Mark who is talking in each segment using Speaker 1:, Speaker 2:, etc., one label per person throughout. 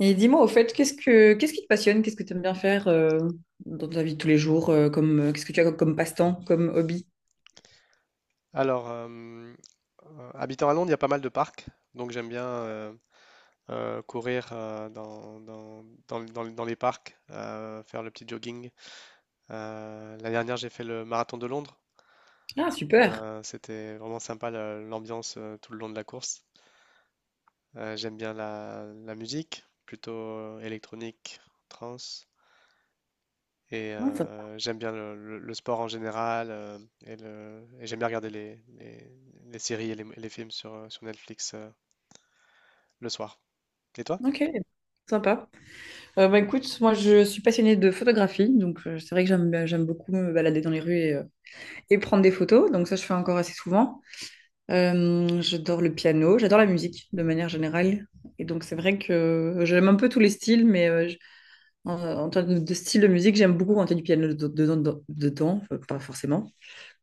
Speaker 1: Et dis-moi, au fait, qu'est-ce qui te passionne? Qu'est-ce que tu aimes bien faire dans ta vie de tous les jours, comme qu'est-ce que tu as comme passe-temps, comme hobby?
Speaker 2: Alors, euh, Habitant à Londres, il y a pas mal de parcs, donc j'aime bien courir dans les parcs, faire le petit jogging. La dernière, j'ai fait le marathon de Londres.
Speaker 1: Ah, super.
Speaker 2: C'était vraiment sympa l'ambiance tout le long de la course. J'aime bien la musique, plutôt électronique, trance, et
Speaker 1: Ah, sympa.
Speaker 2: j'aime bien le sport en général, et j'aime bien regarder les séries et les films sur, sur Netflix le soir. Et toi?
Speaker 1: Ok, sympa. Écoute, moi je suis passionnée de photographie, donc c'est vrai que j'aime beaucoup me balader dans les rues et prendre des photos, donc ça je fais encore assez souvent. J'adore le piano, j'adore la musique de manière générale, et donc c'est vrai que j'aime un peu tous les styles, mais en, en termes de style de musique, j'aime beaucoup quand il y a du piano dedans, pas forcément.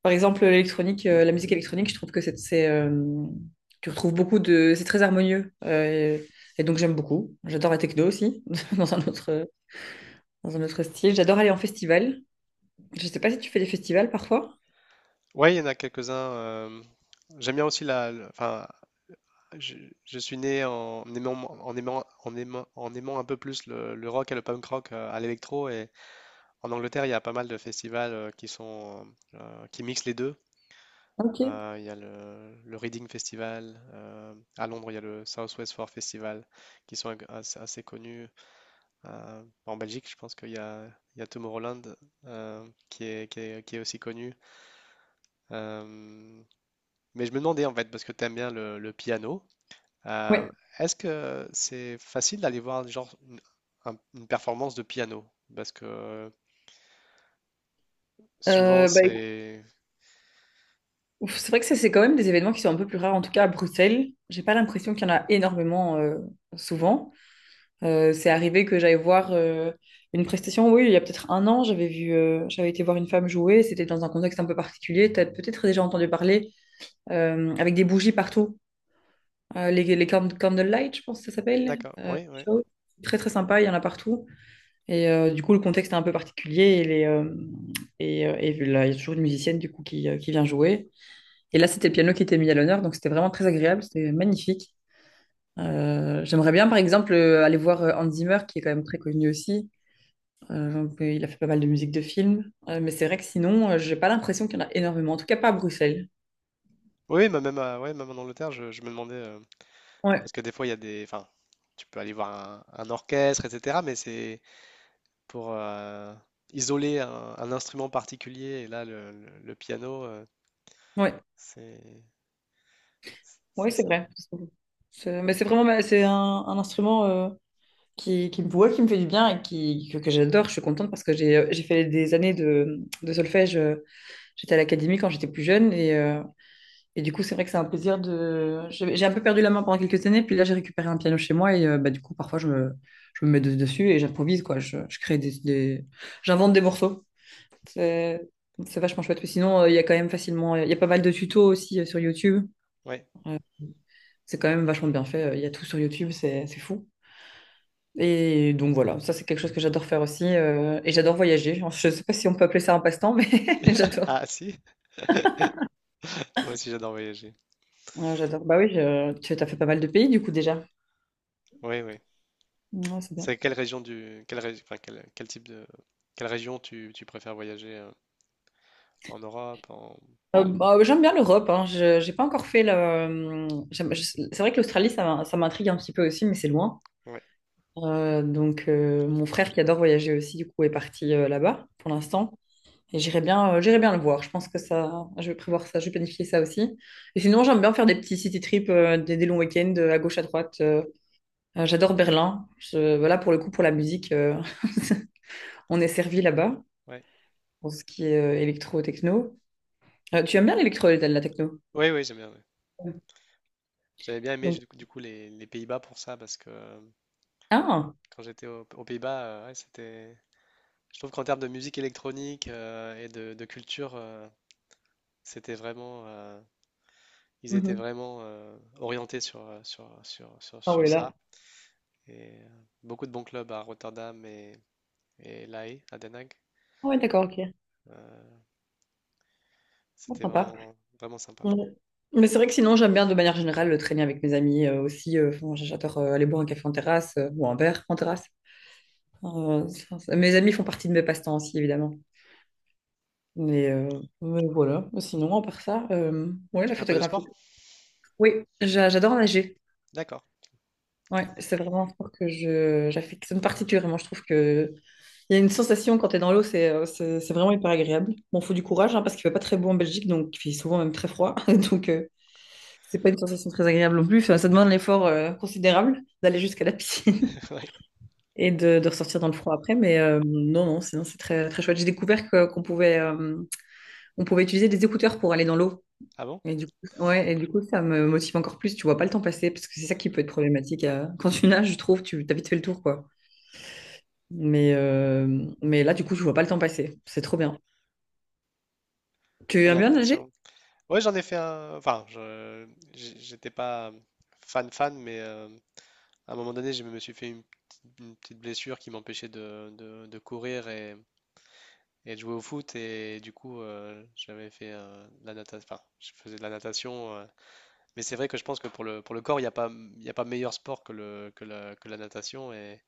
Speaker 1: Par exemple, la musique électronique, je trouve que tu retrouves c'est très harmonieux. Et donc j'aime beaucoup. J'adore la techno aussi, dans un autre, dans un autre style. J'adore aller en festival. Je sais pas si tu fais des festivals parfois.
Speaker 2: Ouais, il y en a quelques-uns. J'aime bien aussi la. Le- Enfin, je, je suis né en aimant un peu plus le rock et le punk rock à l'électro. Et en Angleterre, il y a pas mal de festivals qui mixent les deux.
Speaker 1: Ok.
Speaker 2: Il y a le Reading Festival. À Londres, il y a le South West Four Festival, qui sont assez connus. En Belgique, je pense qu'il y a, il y a Tomorrowland, qui est aussi connu. Euh, Mais je me demandais en fait, parce que tu aimes bien le piano. euh,
Speaker 1: Ouais.
Speaker 2: est-ce que c'est facile d'aller voir genre une performance de piano? Parce que souvent
Speaker 1: Écoute,
Speaker 2: c'est...
Speaker 1: c'est vrai que ça, c'est quand même des événements qui sont un peu plus rares, en tout cas à Bruxelles. J'ai pas l'impression qu'il y en a énormément souvent. C'est arrivé que j'aille voir une prestation, oui, il y a peut-être un an, j'avais été voir une femme jouer, c'était dans un contexte un peu particulier, tu as peut-être déjà entendu parler, avec des bougies partout. Les candlelight, je pense que ça s'appelle,
Speaker 2: D'accord, oui, oui.
Speaker 1: show. Très très sympa, il y en a partout. Et du coup, le contexte est un peu particulier et là, il y a toujours une musicienne du coup qui vient jouer. Et là, c'était le piano qui était mis à l'honneur, donc c'était vraiment très agréable, c'était magnifique. J'aimerais bien, par exemple, aller voir Hans Zimmer, qui est quand même très connu aussi. Il a fait pas mal de musique de film. Mais c'est vrai que sinon, j'ai pas l'impression qu'il y en a énormément. En tout cas, pas à Bruxelles.
Speaker 2: Oui, mais même, ouais, même en Angleterre, je me demandais,
Speaker 1: Ouais,
Speaker 2: parce que des fois, il y a des... Enfin, tu peux aller voir un orchestre, etc. Mais c'est pour isoler un instrument particulier. Et là, le piano,
Speaker 1: ouais,
Speaker 2: c'est...
Speaker 1: ouais,
Speaker 2: C'est
Speaker 1: c'est
Speaker 2: sympa.
Speaker 1: vrai. Mais c'est vraiment, c'est un instrument qui me voit, qui me fait du bien et que j'adore. Je suis contente parce que j'ai fait des années de solfège. J'étais à l'académie quand j'étais plus jeune et du coup, c'est vrai que c'est un plaisir de. J'ai un peu perdu la main pendant quelques années, puis là, j'ai récupéré un piano chez moi et du coup, parfois, je me dessus et j'improvise quoi. Je crée j'invente des morceaux. C'est vachement chouette. Sinon, il y a quand même facilement, il y a pas mal de tutos aussi sur YouTube.
Speaker 2: Oui.
Speaker 1: Euh, c'est quand même vachement bien fait. Il y a tout sur YouTube, c'est fou. Et donc voilà, ça c'est quelque chose que j'adore faire aussi. Et j'adore voyager. Enfin, je sais pas si on peut appeler ça un passe-temps, mais j'adore.
Speaker 2: Ah si, moi aussi j'adore voyager.
Speaker 1: Ouais, j'adore. Bah oui, tu as fait pas mal de pays du coup déjà.
Speaker 2: Oui, oui.
Speaker 1: Ouais, c'est bien.
Speaker 2: C'est quelle région du quelle régi- enfin, quel, quel type de Quelle région tu, tu préfères voyager en Europe en
Speaker 1: J'aime bien l'Europe. Hein. J'ai pas encore fait le. C'est vrai que l'Australie, ça, ça m'intrigue un petit peu aussi, mais c'est loin.
Speaker 2: ouais
Speaker 1: Mon frère qui adore voyager aussi du coup est parti là-bas pour l'instant et j'irai bien, j'irai bien le voir. Je pense que ça je vais prévoir ça, je vais planifier ça aussi. Et sinon j'aime bien faire des petits city trips, des longs week-ends à gauche à droite. J'adore Berlin. Voilà pour le coup pour la musique, on est servi là-bas
Speaker 2: ouais.
Speaker 1: pour ce qui est électro techno. Tu aimes bien l'électro, la techno?
Speaker 2: Oui oui j'aime bien ouais. J'avais bien aimé
Speaker 1: Donc
Speaker 2: du coup, les Pays-Bas pour ça parce que
Speaker 1: ah
Speaker 2: quand j'étais aux Pays-Bas, ouais, c'était, je trouve qu'en termes de musique électronique et de culture c'était vraiment ils étaient
Speaker 1: mhm.
Speaker 2: vraiment orientés
Speaker 1: Ah
Speaker 2: sur
Speaker 1: oui là.
Speaker 2: ça et beaucoup de bons clubs à Rotterdam et La Haye à Den Haag.
Speaker 1: Ah oui, d'accord, ok.
Speaker 2: Euh,
Speaker 1: Ah,
Speaker 2: c'était
Speaker 1: sympa.
Speaker 2: vraiment vraiment sympa.
Speaker 1: Ouais. Mais c'est vrai que sinon, j'aime bien de manière générale le traîner avec mes amis aussi. Enfin, j'adore aller boire un café en terrasse ou un verre en terrasse. Enfin, mes amis font partie de mes passe-temps aussi, évidemment. Mais voilà. Sinon, à part ça, ouais,
Speaker 2: Tu
Speaker 1: la
Speaker 2: fais un peu de
Speaker 1: photographie.
Speaker 2: sport?
Speaker 1: Oui, j'adore nager.
Speaker 2: D'accord.
Speaker 1: Ouais, c'est vraiment un sport que j'affectionne particulièrement. Je trouve que il y a une sensation quand tu es dans l'eau, c'est vraiment hyper agréable. Bon, faut du courage hein, parce qu'il fait pas très beau en Belgique, donc il fait souvent même très froid. Donc, euh, C'est pas une sensation très agréable non plus. Enfin, ça demande un effort considérable d'aller jusqu'à la piscine
Speaker 2: Oui.
Speaker 1: de ressortir dans le froid après. Mais non, non, sinon c'est très, très chouette. Qu'on pouvait, on pouvait utiliser des écouteurs pour aller dans l'eau.
Speaker 2: Ah bon?
Speaker 1: Et du coup, ouais, et du coup, ça me motive encore plus. Tu vois pas le temps passer parce que c'est ça qui peut être problématique. Quand tu nages, je trouve, tu t'as vite fait le tour, quoi. Mais, euh, mais là, du coup, je vois pas le temps passer. C'est trop bien. Tu
Speaker 2: Oui,
Speaker 1: aimes
Speaker 2: la
Speaker 1: bien nager?
Speaker 2: natation. Oui, j'en ai fait un. J'étais pas fan fan, mais à un moment donné, je me suis fait une petite blessure qui m'empêchait de, de courir et de jouer au foot. Et du coup, j'avais fait de la natation. Enfin, je faisais de la natation. Mais c'est vrai que je pense que pour pour le corps, il y a pas meilleur sport que la natation.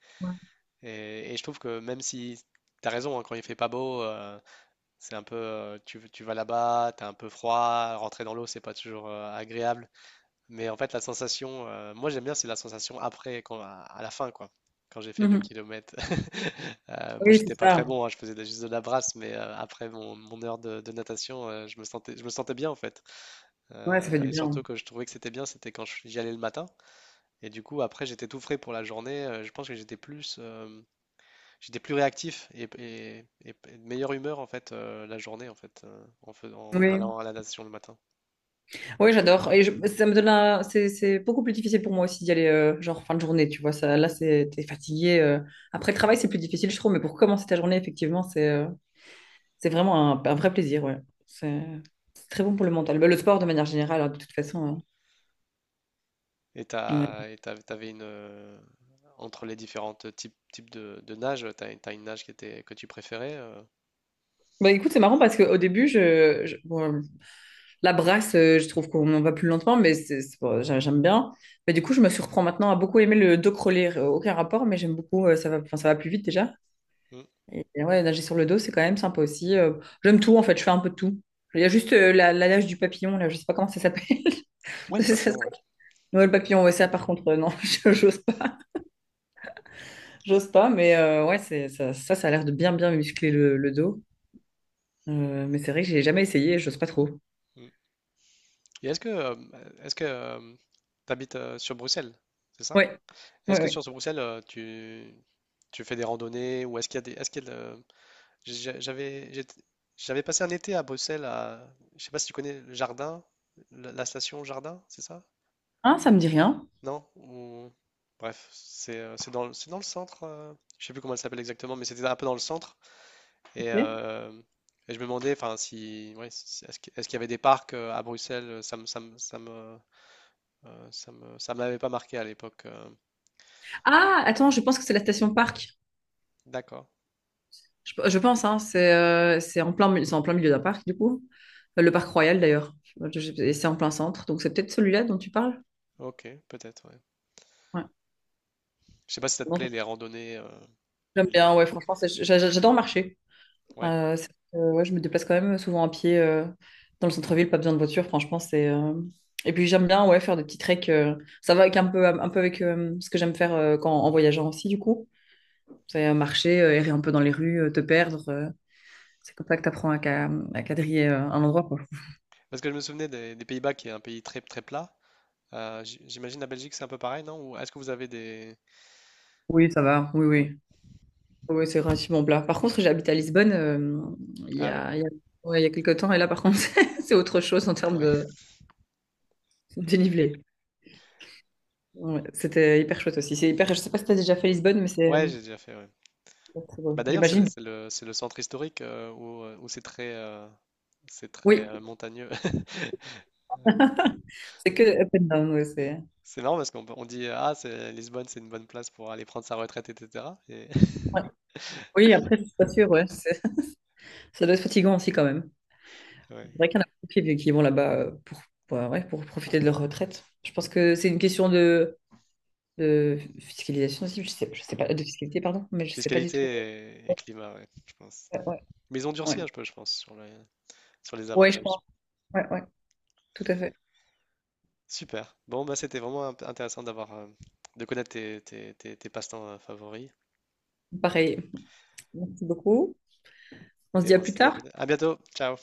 Speaker 2: Et je trouve que même si. T'as raison, hein, quand il fait pas beau, c'est un peu, tu vas là-bas, t'as un peu froid, rentrer dans l'eau, c'est pas toujours agréable. Mais en fait, la sensation, moi j'aime bien, c'est la sensation après, quand, à la fin, quoi. Quand j'ai fait deux
Speaker 1: Mhm.
Speaker 2: kilomètres. Moi,
Speaker 1: Oui,
Speaker 2: j'étais
Speaker 1: c'est
Speaker 2: pas très
Speaker 1: ça.
Speaker 2: bon, hein, je faisais juste de la brasse, mais après mon heure de natation, je me sentais bien en fait.
Speaker 1: Ouais, ça fait du
Speaker 2: Et surtout
Speaker 1: bien.
Speaker 2: que je trouvais que c'était bien, c'était quand j'y allais le matin. Et du coup, après, j'étais tout frais pour la journée. Euh, je pense que j'étais plus. Euh, j'étais plus réactif et de meilleure humeur en fait la journée en fait en
Speaker 1: Oui.
Speaker 2: allant à la natation le matin.
Speaker 1: Oui, j'adore. Ça me donne un... C'est beaucoup plus difficile pour moi aussi d'y aller, genre fin de journée, tu vois. T'es fatigué. Après le travail, c'est plus difficile, je trouve, mais pour commencer ta journée, effectivement, c'est vraiment un vrai plaisir, ouais. C'est c'est très bon pour le mental. Bah, le sport, de manière générale, hein, de toute façon. Hein. Ouais.
Speaker 2: T'avais une, entre les différentes types de nage, t'as une nage qui était que tu préférais.
Speaker 1: Bah, écoute, c'est marrant parce qu'au début, bon, la brasse, je trouve qu'on en va plus lentement, bon, j'aime bien. Mais du coup, je me surprends maintenant à beaucoup aimer le dos crawlé. Aucun rapport, mais j'aime beaucoup. Ça va plus vite déjà.
Speaker 2: Mm.
Speaker 1: Et ouais, nager sur le dos, c'est quand même sympa aussi. J'aime tout, en fait, je fais un peu de tout. Il y a juste la nage du papillon, là, je sais pas comment ça s'appelle.
Speaker 2: Ouais, le
Speaker 1: Ça, ça-
Speaker 2: papillon, ouais.
Speaker 1: Ouais, le papillon, ouais, ça, par contre, non, j'ose pas. J'ose pas, mais ouais, ça a l'air de bien, bien muscler le dos. Mais c'est vrai que j'ai jamais essayé, j'ose pas trop.
Speaker 2: Mm. Et est-ce que est-ce que euh, t'habites sur Bruxelles, c'est ça?
Speaker 1: Ouais,
Speaker 2: Est-ce
Speaker 1: ouais,
Speaker 2: que
Speaker 1: ouais.
Speaker 2: sur ce Bruxelles, tu fais des randonnées ou est-ce qu'il y a des, est-ce qu'il y a de- J'ai- J'avais j'étais- J'avais passé un été à Bruxelles, à, je sais pas si tu connais le jardin, la station Jardin, c'est ça?
Speaker 1: Ah, ça me dit rien.
Speaker 2: Non? Ou- Bref, c'est c'est dans le centre, je sais plus comment elle s'appelle exactement, mais c'était un peu dans le centre. Et,
Speaker 1: Ok.
Speaker 2: euh, et je me demandais, enfin, si, ouais, est-ce qu'il y avait des parcs à Bruxelles? Ça me, ça m'avait pas marqué à l'époque.
Speaker 1: Ah, attends, je pense que c'est la station parc.
Speaker 2: D'accord,
Speaker 1: Je pense, hein, c'est en plein, c'est en plein milieu d'un parc, du coup. Le parc Royal, d'ailleurs. Et c'est en plein centre, donc c'est peut-être celui-là dont tu parles.
Speaker 2: ok, peut-être, ouais. Je sais pas si ça te
Speaker 1: Ouais.
Speaker 2: plaît les randonnées ou
Speaker 1: J'aime
Speaker 2: les.
Speaker 1: bien, ouais, franchement, j'adore marcher.
Speaker 2: Ouais.
Speaker 1: Euh, c'est- ouais, je me déplace quand même souvent à pied dans le centre-ville, pas besoin de voiture, franchement, c'est... et puis j'aime bien, ouais, faire des petits treks. Ça va avec un peu avec ce que j'aime faire en voyageant aussi, du coup. C'est marcher, errer un peu dans les rues, te perdre. C'est comme ça que tu apprends à, à quadriller un endroit, quoi.
Speaker 2: Parce que je me souvenais des Pays-Bas qui est un pays très très plat. J- j'imagine la Belgique, c'est un peu pareil, non? Ou est-ce que vous avez des...
Speaker 1: Oui, ça va, oui,
Speaker 2: Ouais.
Speaker 1: oui. Oui, c'est relativement plat. Par contre, j'habite à Lisbonne
Speaker 2: Ah oui,
Speaker 1: il y a, ouais, il y a quelques temps, et là, par contre, c'est autre chose en termes
Speaker 2: ouais,
Speaker 1: de dénivelé. Ouais, c'était hyper chouette aussi. C'est hyper... Je sais pas si tu as déjà fait Lisbonne, mais
Speaker 2: ouais, j'ai déjà fait. Ouais.
Speaker 1: c'est très
Speaker 2: Bah
Speaker 1: beau.
Speaker 2: d'ailleurs, c'est le,
Speaker 1: J'imagine.
Speaker 2: c'est le centre historique où c'est très,
Speaker 1: Oui,
Speaker 2: montagneux.
Speaker 1: c'est que up and down. Ouais, c'est...
Speaker 2: C'est marrant parce qu'on peut- on dit ah c'est Lisbonne, c'est une bonne place pour aller prendre sa retraite, etc. Et,
Speaker 1: ouais. Oui, après, je suis pas sûre. Ouais. c'est- ça doit être fatigant aussi quand même.
Speaker 2: ouais.
Speaker 1: C'est vrai qu'il y en a beaucoup qui vont là-bas bah ouais, pour profiter de leur retraite. Je pense que c'est une question de fiscalisation aussi. Je sais pas, de fiscalité, pardon, mais je sais pas du tout.
Speaker 2: Fiscalité et climat, ouais, je pense.
Speaker 1: Ouais, ouais,
Speaker 2: Mais ils ont
Speaker 1: ouais.
Speaker 2: durci un peu, je pense, sur les
Speaker 1: Ouais, je
Speaker 2: avantages.
Speaker 1: pense. Ouais, ouais, tout à fait.
Speaker 2: Super. Bon, bah c'était vraiment intéressant d'avoir, de connaître tes passe-temps favoris.
Speaker 1: Pareil. Merci beaucoup. On se
Speaker 2: Et
Speaker 1: dit à
Speaker 2: on
Speaker 1: plus
Speaker 2: se dit
Speaker 1: tard.
Speaker 2: à bientôt. Ciao.